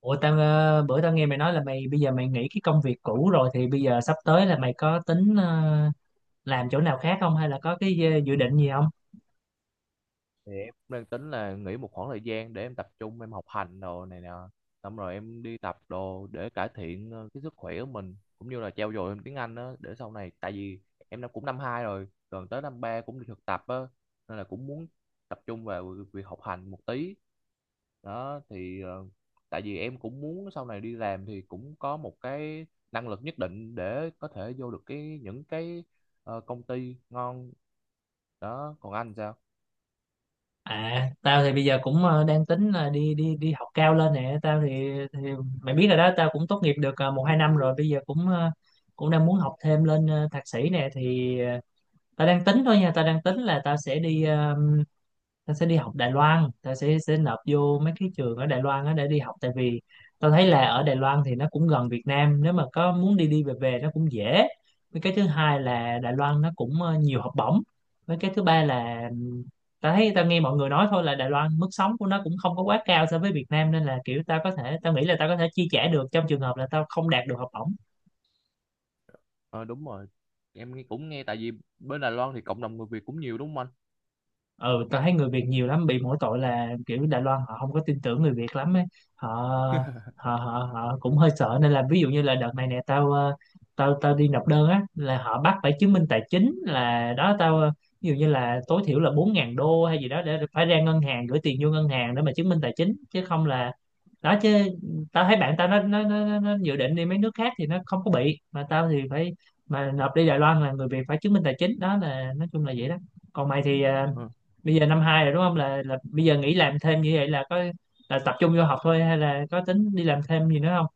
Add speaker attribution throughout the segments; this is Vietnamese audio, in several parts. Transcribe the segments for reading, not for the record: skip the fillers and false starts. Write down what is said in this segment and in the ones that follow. Speaker 1: Ủa tao bữa tao nghe mày nói là mày bây giờ mày nghỉ cái công việc cũ rồi thì bây giờ sắp tới là mày có tính làm chỗ nào khác không, hay là có cái dự định gì không?
Speaker 2: Thì em cũng đang tính là nghỉ một khoảng thời gian để em tập trung em học hành đồ này nè, xong rồi em đi tập đồ để cải thiện cái sức khỏe của mình, cũng như là trau dồi em tiếng Anh đó để sau này. Tại vì em đã cũng năm hai rồi gần tới năm ba cũng đi thực tập á, nên là cũng muốn tập trung vào việc việc học hành một tí đó thì. Ờ, tại vì em cũng muốn sau này đi làm thì cũng có một cái năng lực nhất định để có thể vô được cái những cái công ty ngon đó. Còn anh sao?
Speaker 1: À, tao thì bây giờ cũng đang tính là đi đi đi học cao lên nè. Tao thì mày biết rồi đó, tao cũng tốt nghiệp được 1 2 năm rồi, bây giờ cũng cũng đang muốn học thêm lên thạc sĩ nè. Thì tao đang tính thôi nha, tao đang tính là tao sẽ đi tao sẽ đi học Đài Loan, tao sẽ nộp vô mấy cái trường ở Đài Loan á để đi học. Tại vì tao thấy là ở Đài Loan thì nó cũng gần Việt Nam, nếu mà có muốn đi đi về về nó cũng dễ. Với cái thứ hai là Đài Loan nó cũng nhiều học bổng. Với cái thứ ba là tao thấy tao nghe mọi người nói thôi là Đài Loan mức sống của nó cũng không có quá cao so với Việt Nam, nên là kiểu tao có thể, tao nghĩ là tao có thể chi trả được trong trường hợp là tao không đạt được học bổng.
Speaker 2: Ờ, đúng rồi. Em cũng nghe tại vì bên Đài Loan thì cộng đồng người Việt cũng nhiều, đúng không anh?
Speaker 1: Ừ, tao thấy người Việt nhiều lắm, bị mỗi tội là kiểu Đài Loan họ không có tin tưởng người Việt lắm ấy. Họ họ cũng hơi sợ. Nên là ví dụ như là đợt này nè tao tao tao đi nộp đơn á là họ bắt phải chứng minh tài chính, là đó tao ví dụ như là tối thiểu là 4000 đô hay gì đó, để phải ra ngân hàng gửi tiền vô ngân hàng để mà chứng minh tài chính, chứ không là đó chứ. Tao thấy bạn tao nó dự định đi mấy nước khác thì nó không có bị, mà tao thì phải, mà nộp đi Đài Loan là người Việt phải chứng minh tài chính đó, là nói chung là vậy đó. Còn mày thì
Speaker 2: Ờ,
Speaker 1: bây giờ năm hai rồi đúng không, là bây giờ nghỉ làm thêm như vậy là có, là tập trung vô học thôi hay là có tính đi làm thêm gì nữa không?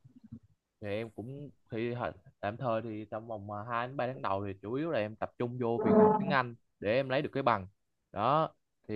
Speaker 2: thì em cũng tạm thời thì trong vòng mà 2 đến 3 tháng đầu thì chủ yếu là em tập trung vô việc học tiếng Anh để em lấy được cái bằng đó. Thì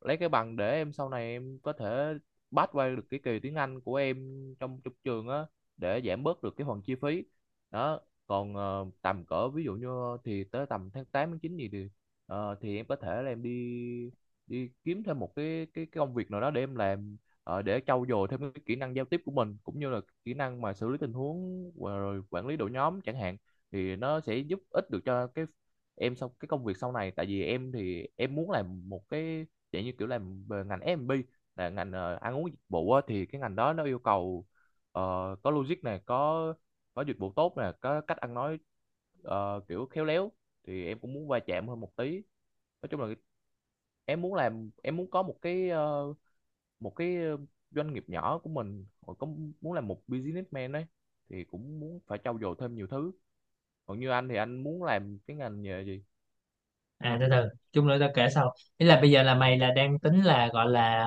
Speaker 2: lấy cái bằng để em sau này em có thể pass qua được cái kỳ tiếng Anh của em trong trong trường á, để giảm bớt được cái phần chi phí đó. Còn tầm cỡ ví dụ như, thì tới tầm tháng 8 tháng 9 gì thì thì em có thể là em đi đi kiếm thêm một cái công việc nào đó để em làm, để trau dồi thêm cái kỹ năng giao tiếp của mình, cũng như là kỹ năng mà xử lý tình huống và rồi quản lý đội nhóm chẳng hạn. Thì nó sẽ giúp ích được cho cái em sau, cái công việc sau này. Tại vì em thì em muốn làm một cái dạng như kiểu làm về ngành F&B, là ngành ăn uống dịch vụ á. Thì cái ngành đó nó yêu cầu ờ, có logic này, có dịch vụ tốt nè, có cách ăn nói kiểu khéo léo, thì em cũng muốn va chạm hơn một tí. Nói chung là em muốn làm, em muốn có một cái một cái doanh nghiệp nhỏ của mình họ có, muốn làm một businessman đấy, thì cũng muốn phải trau dồi thêm nhiều thứ. Còn như anh thì anh muốn làm cái ngành nghề gì?
Speaker 1: À, từ từ, chung nữa tao kể sau. Ý là bây giờ là mày là đang tính là gọi là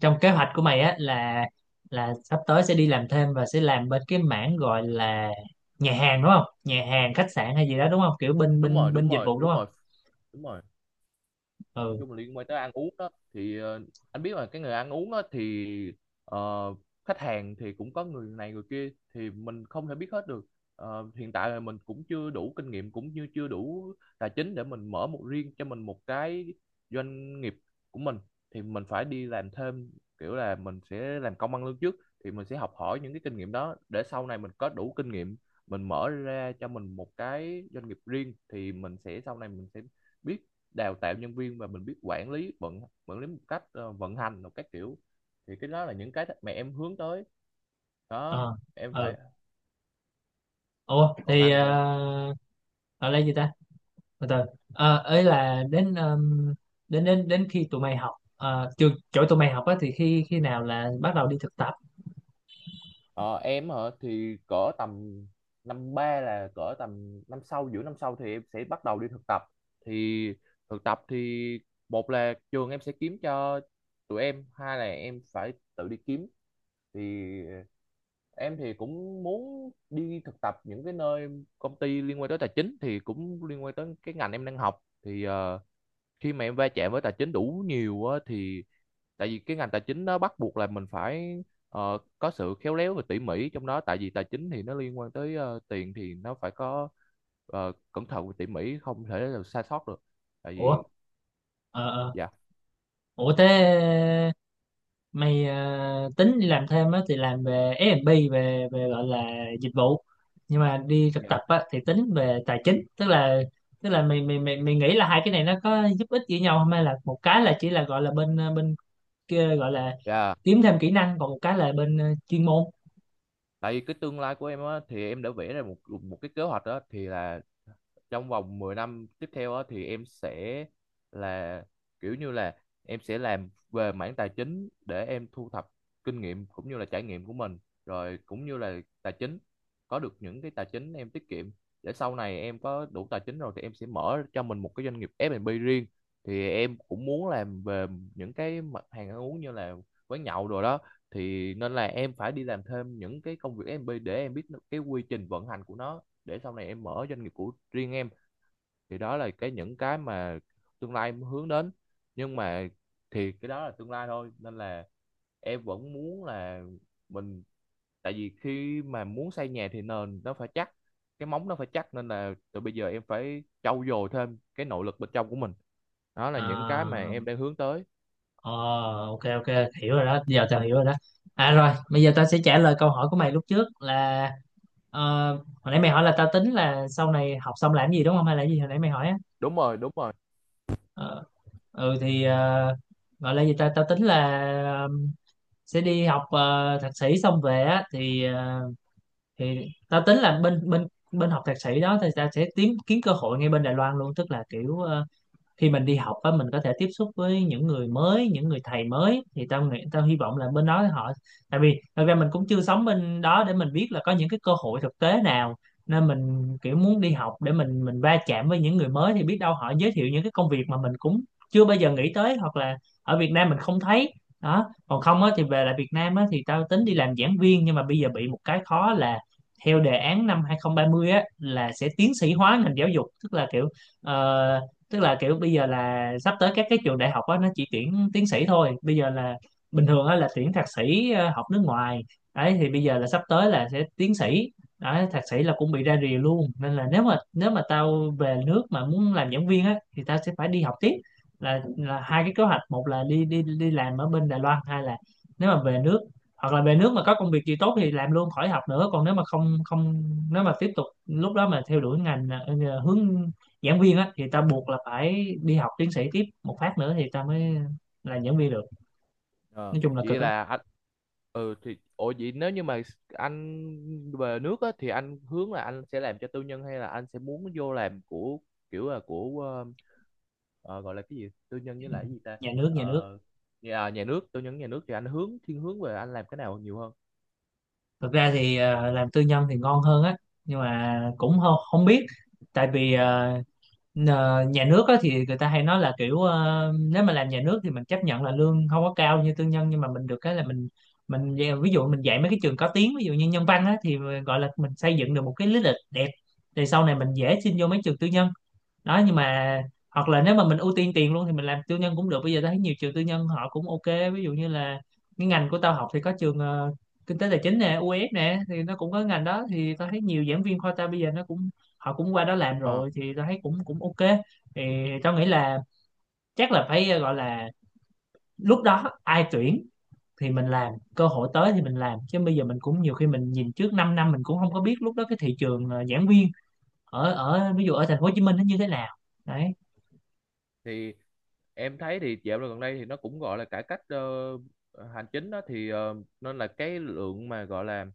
Speaker 1: trong kế hoạch của mày á là sắp tới sẽ đi làm thêm và sẽ làm bên cái mảng gọi là nhà hàng, đúng không? Nhà hàng khách sạn hay gì đó, đúng không, kiểu bên
Speaker 2: Đúng rồi,
Speaker 1: bên bên
Speaker 2: đúng
Speaker 1: dịch
Speaker 2: rồi,
Speaker 1: vụ đúng
Speaker 2: đúng
Speaker 1: không?
Speaker 2: rồi. Đúng rồi, nói
Speaker 1: Ừ.
Speaker 2: chung là liên quan tới ăn uống đó. Thì anh biết là cái người ăn uống đó thì ờ, khách hàng thì cũng có người này người kia, thì mình không thể biết hết được. Ờ, hiện tại là mình cũng chưa đủ kinh nghiệm cũng như chưa đủ tài chính để mình mở một riêng cho mình một cái doanh nghiệp của mình, thì mình phải đi làm thêm. Kiểu là mình sẽ làm công ăn lương trước, thì mình sẽ học hỏi những cái kinh nghiệm đó để sau này mình có đủ kinh nghiệm, mình mở ra cho mình một cái doanh nghiệp riêng. Thì mình sẽ sau này mình sẽ biết đào tạo nhân viên, và mình biết quản lý, vận quản lý một cách, vận hành một cách kiểu, thì cái đó là những cái mà em hướng tới đó
Speaker 1: Ờ.
Speaker 2: em
Speaker 1: Ừ.
Speaker 2: phải.
Speaker 1: Ủa
Speaker 2: Còn
Speaker 1: thì
Speaker 2: anh sao?
Speaker 1: gọi là gì ta, từ từ. Ấy là đến đến khi tụi mày học trường chỗ tụi mày học á thì khi khi nào là bắt đầu đi thực tập?
Speaker 2: Ờ, em hả? Thì cỡ tầm năm ba là cỡ tầm năm sau, giữa năm sau thì em sẽ bắt đầu đi thực tập. Thì thực tập thì, một là trường em sẽ kiếm cho tụi em, hai là em phải tự đi kiếm. Thì em thì cũng muốn đi thực tập những cái nơi công ty liên quan tới tài chính, thì cũng liên quan tới cái ngành em đang học. Thì khi mà em va chạm với tài chính đủ nhiều á, thì tại vì cái ngành tài chính nó bắt buộc là mình phải có sự khéo léo và tỉ mỉ trong đó. Tại vì tài chính thì nó liên quan tới tiền, thì nó phải có cẩn thận và tỉ mỉ, không thể là sai sót được. Tại
Speaker 1: Ủa.
Speaker 2: vì
Speaker 1: Ờ ờ.
Speaker 2: dạ,
Speaker 1: Ủa thế mày tính đi làm thêm á thì làm về F&B, về về gọi là dịch vụ, nhưng mà đi thực tập
Speaker 2: dạ,
Speaker 1: á thì tính về tài chính. Tức là tức là mày mày mày mày nghĩ là hai cái này nó có giúp ích gì nhau không, hay là một cái là chỉ là gọi là bên bên kia gọi là
Speaker 2: dạ.
Speaker 1: kiếm thêm kỹ năng, còn một cái là bên chuyên môn?
Speaker 2: Tại vì cái tương lai của em á, thì em đã vẽ ra một một cái kế hoạch đó thì là, trong vòng 10 năm tiếp theo á, thì em sẽ là, kiểu như là em sẽ làm về mảng tài chính, để em thu thập kinh nghiệm cũng như là trải nghiệm của mình, rồi cũng như là tài chính, có được những cái tài chính em tiết kiệm, để sau này em có đủ tài chính rồi thì em sẽ mở cho mình một cái doanh nghiệp F&B riêng. Thì em cũng muốn làm về những cái mặt hàng ăn uống như là quán nhậu rồi đó, thì nên là em phải đi làm thêm những cái công việc F&B để em biết cái quy trình vận hành của nó, để sau này em mở doanh nghiệp của riêng em. Thì đó là cái những cái mà tương lai em hướng đến. Nhưng mà thì cái đó là tương lai thôi, nên là em vẫn muốn là mình, tại vì khi mà muốn xây nhà thì nền nó phải chắc, cái móng nó phải chắc, nên là từ bây giờ em phải trau dồi thêm cái nội lực bên trong của mình. Đó là
Speaker 1: Ờ.
Speaker 2: những cái mà em đang hướng tới.
Speaker 1: Ờ, ok ok, hiểu rồi đó, giờ tao hiểu rồi đó. À rồi bây giờ tao sẽ trả lời câu hỏi của mày lúc trước là hồi nãy mày hỏi là tao tính là sau này học xong làm gì đúng không, hay là gì hồi nãy mày hỏi á.
Speaker 2: Đúng rồi, đúng rồi.
Speaker 1: Ờ, ừ thì gọi là gì ta, tao tính là ờ, sẽ đi học thạc sĩ xong về á thì thì tao tính là bên bên bên học thạc sĩ đó thì tao sẽ tìm kiếm cơ hội ngay bên Đài Loan luôn. Tức là kiểu khi mình đi học á mình có thể tiếp xúc với những người mới, những người thầy mới, thì tao nghĩ tao hy vọng là bên đó họ, tại vì thật ra mình cũng chưa sống bên đó để mình biết là có những cái cơ hội thực tế nào, nên mình kiểu muốn đi học để mình va chạm với những người mới thì biết đâu họ giới thiệu những cái công việc mà mình cũng chưa bao giờ nghĩ tới, hoặc là ở Việt Nam mình không thấy đó. Còn không á thì về lại Việt Nam á thì tao tính đi làm giảng viên, nhưng mà bây giờ bị một cái khó là theo đề án năm 2030 á là sẽ tiến sĩ hóa ngành giáo dục, tức là kiểu ờ, tức là kiểu bây giờ là sắp tới các cái trường đại học á nó chỉ tuyển tiến sĩ thôi, bây giờ là bình thường á là tuyển thạc sĩ học nước ngoài. Đấy, thì bây giờ là sắp tới là sẽ tiến sĩ, đấy, thạc sĩ là cũng bị ra rìa luôn. Nên là nếu mà tao về nước mà muốn làm giảng viên á thì tao sẽ phải đi học tiếp. Là hai cái kế hoạch, một là đi đi đi làm ở bên Đài Loan, hai là nếu mà về nước, hoặc là về nước mà có công việc gì tốt thì làm luôn khỏi học nữa, còn nếu mà không không, nếu mà tiếp tục lúc đó mà theo đuổi ngành hướng giảng viên á thì ta buộc là phải đi học tiến sĩ tiếp một phát nữa thì ta mới làm giảng viên được.
Speaker 2: Ờ,
Speaker 1: Nói chung là cực
Speaker 2: vậy
Speaker 1: á.
Speaker 2: là anh. Ừ, thì ủa vậy nếu như mà anh về nước á, thì anh hướng là anh sẽ làm cho tư nhân hay là anh sẽ muốn vô làm của, kiểu là của ờ, gọi là cái gì, tư nhân với lại cái gì ta.
Speaker 1: Nhà nước, nhà nước.
Speaker 2: Ờ, nhà nước, tư nhân nhà nước thì anh hướng, thiên hướng về anh làm cái nào nhiều hơn?
Speaker 1: Thực ra thì làm tư nhân thì ngon hơn á, nhưng mà cũng không, không biết. Tại vì nhà nước á thì người ta hay nói là kiểu nếu mà làm nhà nước thì mình chấp nhận là lương không có cao như tư nhân, nhưng mà mình được cái là mình ví dụ mình dạy mấy cái trường có tiếng, ví dụ như nhân văn á, thì gọi là mình xây dựng được một cái lý lịch đẹp, thì sau này mình dễ xin vô mấy trường tư nhân đó. Nhưng mà hoặc là nếu mà mình ưu tiên tiền luôn thì mình làm tư nhân cũng được, bây giờ tao thấy nhiều trường tư nhân họ cũng ok. Ví dụ như là cái ngành của tao học thì có trường kinh tế tài chính nè, UF nè, thì nó cũng có ngành đó. Thì tao thấy nhiều giảng viên khoa tao bây giờ nó cũng, họ cũng qua đó làm
Speaker 2: Ờ,
Speaker 1: rồi, thì tao thấy cũng cũng ok. Thì tao nghĩ là chắc là phải gọi là lúc đó ai tuyển thì mình làm, cơ hội tới thì mình làm, chứ bây giờ mình cũng nhiều khi mình nhìn trước 5 năm năm mình cũng không có biết lúc đó cái thị trường giảng viên ở ở ví dụ ở thành phố Hồ Chí Minh nó như thế nào. Đấy.
Speaker 2: thì em thấy thì dạo gần đây thì nó cũng gọi là cải cách hành chính đó, thì nên là cái lượng mà gọi là,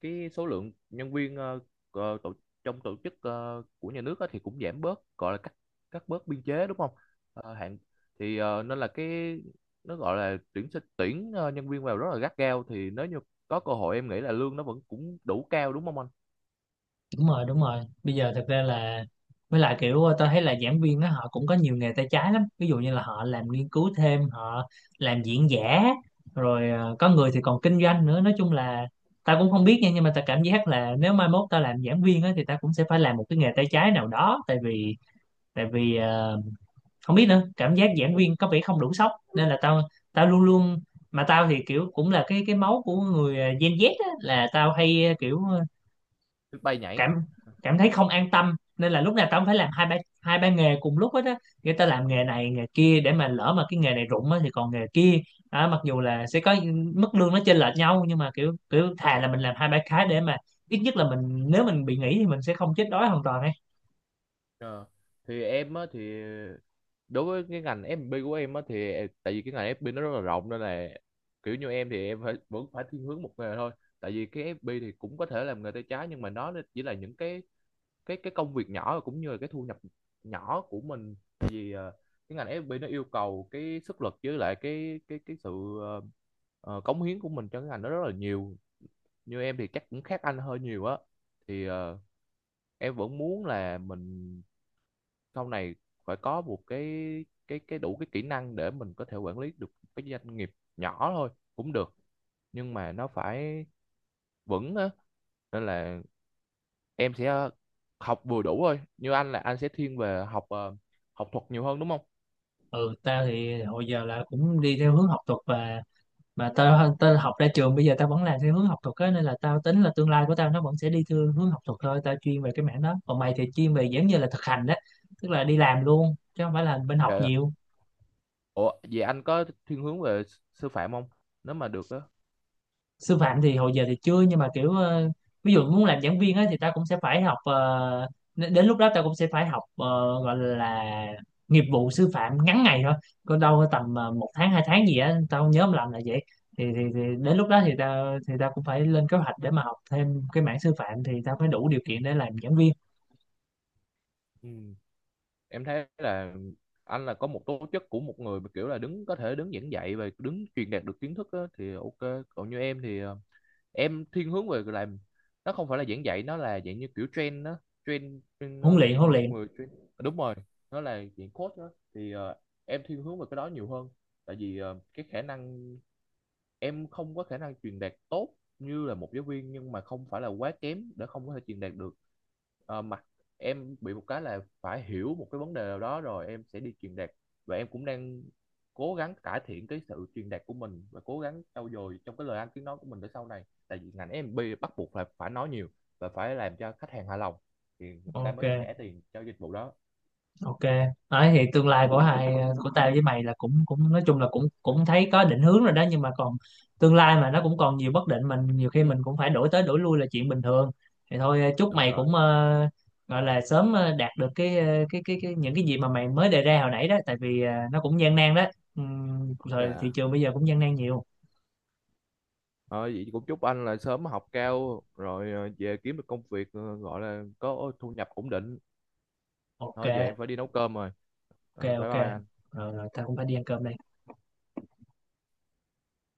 Speaker 2: cái số lượng nhân viên tổ, trong tổ chức của nhà nước á, thì cũng giảm bớt, gọi là cắt cắt bớt biên chế, đúng không? Ờ, hạn, thì nên là cái, nó gọi là tuyển nhân viên vào rất là gắt gao. Thì nếu như có cơ hội, em nghĩ là lương nó vẫn cũng đủ cao, đúng không anh?
Speaker 1: Đúng rồi, đúng rồi, bây giờ thật ra là, với lại kiểu tôi thấy là giảng viên đó họ cũng có nhiều nghề tay trái lắm, ví dụ như là họ làm nghiên cứu thêm, họ làm diễn giả, rồi có người thì còn kinh doanh nữa. Nói chung là tao cũng không biết nha, nhưng mà tao cảm giác là nếu mai mốt tao làm giảng viên á thì tao cũng sẽ phải làm một cái nghề tay trái nào đó. Tại vì tại vì ờ, không biết nữa, cảm giác giảng viên có vẻ không đủ sốc nên là tao tao luôn luôn, mà tao thì kiểu cũng là cái máu của người Gen Z á, là tao hay kiểu
Speaker 2: Được bay nhảy.
Speaker 1: cảm cảm thấy không an tâm, nên là lúc nào tao cũng phải làm hai ba nghề cùng lúc hết á, người ta làm nghề này nghề kia để mà lỡ mà cái nghề này rụng á thì còn nghề kia. Đó, mặc dù là sẽ có mức lương nó chênh lệch nhau, nhưng mà kiểu kiểu thà là mình làm hai ba cái để mà ít nhất là mình, nếu mình bị nghỉ thì mình sẽ không chết đói hoàn toàn ấy.
Speaker 2: Ờ, thì em á, thì đối với cái ngành F&B của em á, thì tại vì cái ngành F&B nó rất là rộng, nên là kiểu như em thì em phải, vẫn phải thiên hướng một nghề thôi. Tại vì cái FB thì cũng có thể làm nghề tay trái, nhưng mà nó chỉ là những cái cái công việc nhỏ, cũng như là cái thu nhập nhỏ của mình. Vì cái ngành FB nó yêu cầu cái sức lực, với lại cái cái sự ờ, cống hiến của mình cho cái ngành đó rất là nhiều. Như em thì chắc cũng khác anh hơi nhiều á. Thì em vẫn muốn là mình sau này phải có một cái, cái đủ cái kỹ năng để mình có thể quản lý được cái doanh nghiệp nhỏ thôi cũng được, nhưng mà nó phải vững á. Nên là em sẽ học vừa đủ thôi. Như anh là anh sẽ thiên về học học thuật nhiều hơn đúng không?
Speaker 1: Ừ, tao thì hồi giờ là cũng đi theo hướng học thuật, và mà tao tao học ra trường bây giờ tao vẫn làm theo hướng học thuật á, nên là tao tính là tương lai của tao nó vẫn sẽ đi theo hướng học thuật thôi, tao chuyên về cái mảng đó. Còn mày thì chuyên về giống như là thực hành đó, tức là đi làm luôn chứ không phải là bên học
Speaker 2: Dạ, dạ.
Speaker 1: nhiều.
Speaker 2: Ủa vậy anh có thiên hướng về sư phạm không, nếu mà được á?
Speaker 1: Sư phạm thì hồi giờ thì chưa, nhưng mà kiểu ví dụ muốn làm giảng viên á thì ta cũng sẽ phải học đến lúc đó ta cũng sẽ phải học gọi là nghiệp vụ sư phạm ngắn ngày thôi, có đâu có tầm 1 tháng 2 tháng gì á, tao không nhớ không lầm là vậy. Thì, thì đến lúc đó thì ta cũng phải lên kế hoạch để mà học thêm cái mảng sư phạm thì ta phải đủ điều kiện để làm giảng viên.
Speaker 2: Ừ, em thấy là anh là có một tố chất của một người mà kiểu là đứng, có thể đứng giảng dạy và đứng truyền đạt được kiến thức á, thì ok. Còn như em thì em thiên hướng về làm, nó không phải là giảng dạy, nó là dạng như kiểu train đó. Train,
Speaker 1: Huấn luyện, huấn
Speaker 2: một
Speaker 1: luyện.
Speaker 2: người train. Ờ, đúng rồi, nó là dạng coach đó. Thì em thiên hướng về cái đó nhiều hơn. Tại vì cái khả năng, em không có khả năng truyền đạt tốt như là một giáo viên, nhưng mà không phải là quá kém để không có thể truyền đạt được. Ờ, mặt em bị một cái là phải hiểu một cái vấn đề nào đó rồi em sẽ đi truyền đạt. Và em cũng đang cố gắng cải thiện cái sự truyền đạt của mình, và cố gắng trau dồi trong cái lời ăn tiếng nói của mình, để sau này, tại vì ngành em bị bắt buộc là phải nói nhiều và phải làm cho khách hàng hài lòng thì người ta
Speaker 1: Ok
Speaker 2: mới trả tiền cho dịch vụ đó.
Speaker 1: ok. Đấy thì tương lai của hai của tao với mày là cũng cũng nói chung là cũng cũng thấy có định hướng rồi đó, nhưng mà còn tương lai mà nó cũng còn nhiều bất định, mình nhiều khi mình
Speaker 2: Ừ.
Speaker 1: cũng phải đổi tới đổi lui là chuyện bình thường. Thì thôi, chúc
Speaker 2: Đúng
Speaker 1: mày
Speaker 2: rồi.
Speaker 1: cũng gọi là sớm đạt được cái, cái những cái gì mà mày mới đề ra hồi nãy đó, tại vì nó cũng gian nan đó. Rồi thị
Speaker 2: Dạ.
Speaker 1: trường bây giờ cũng gian nan nhiều.
Speaker 2: Ờ, vậy cũng chúc anh là sớm học cao rồi, về kiếm được công việc gọi là có thu nhập ổn định. Thôi giờ
Speaker 1: Ok
Speaker 2: em phải đi nấu cơm rồi.
Speaker 1: ok.
Speaker 2: Ờ, bye
Speaker 1: Ok,
Speaker 2: bye anh.
Speaker 1: rồi, rồi tao cũng phải đi ăn cơm đây.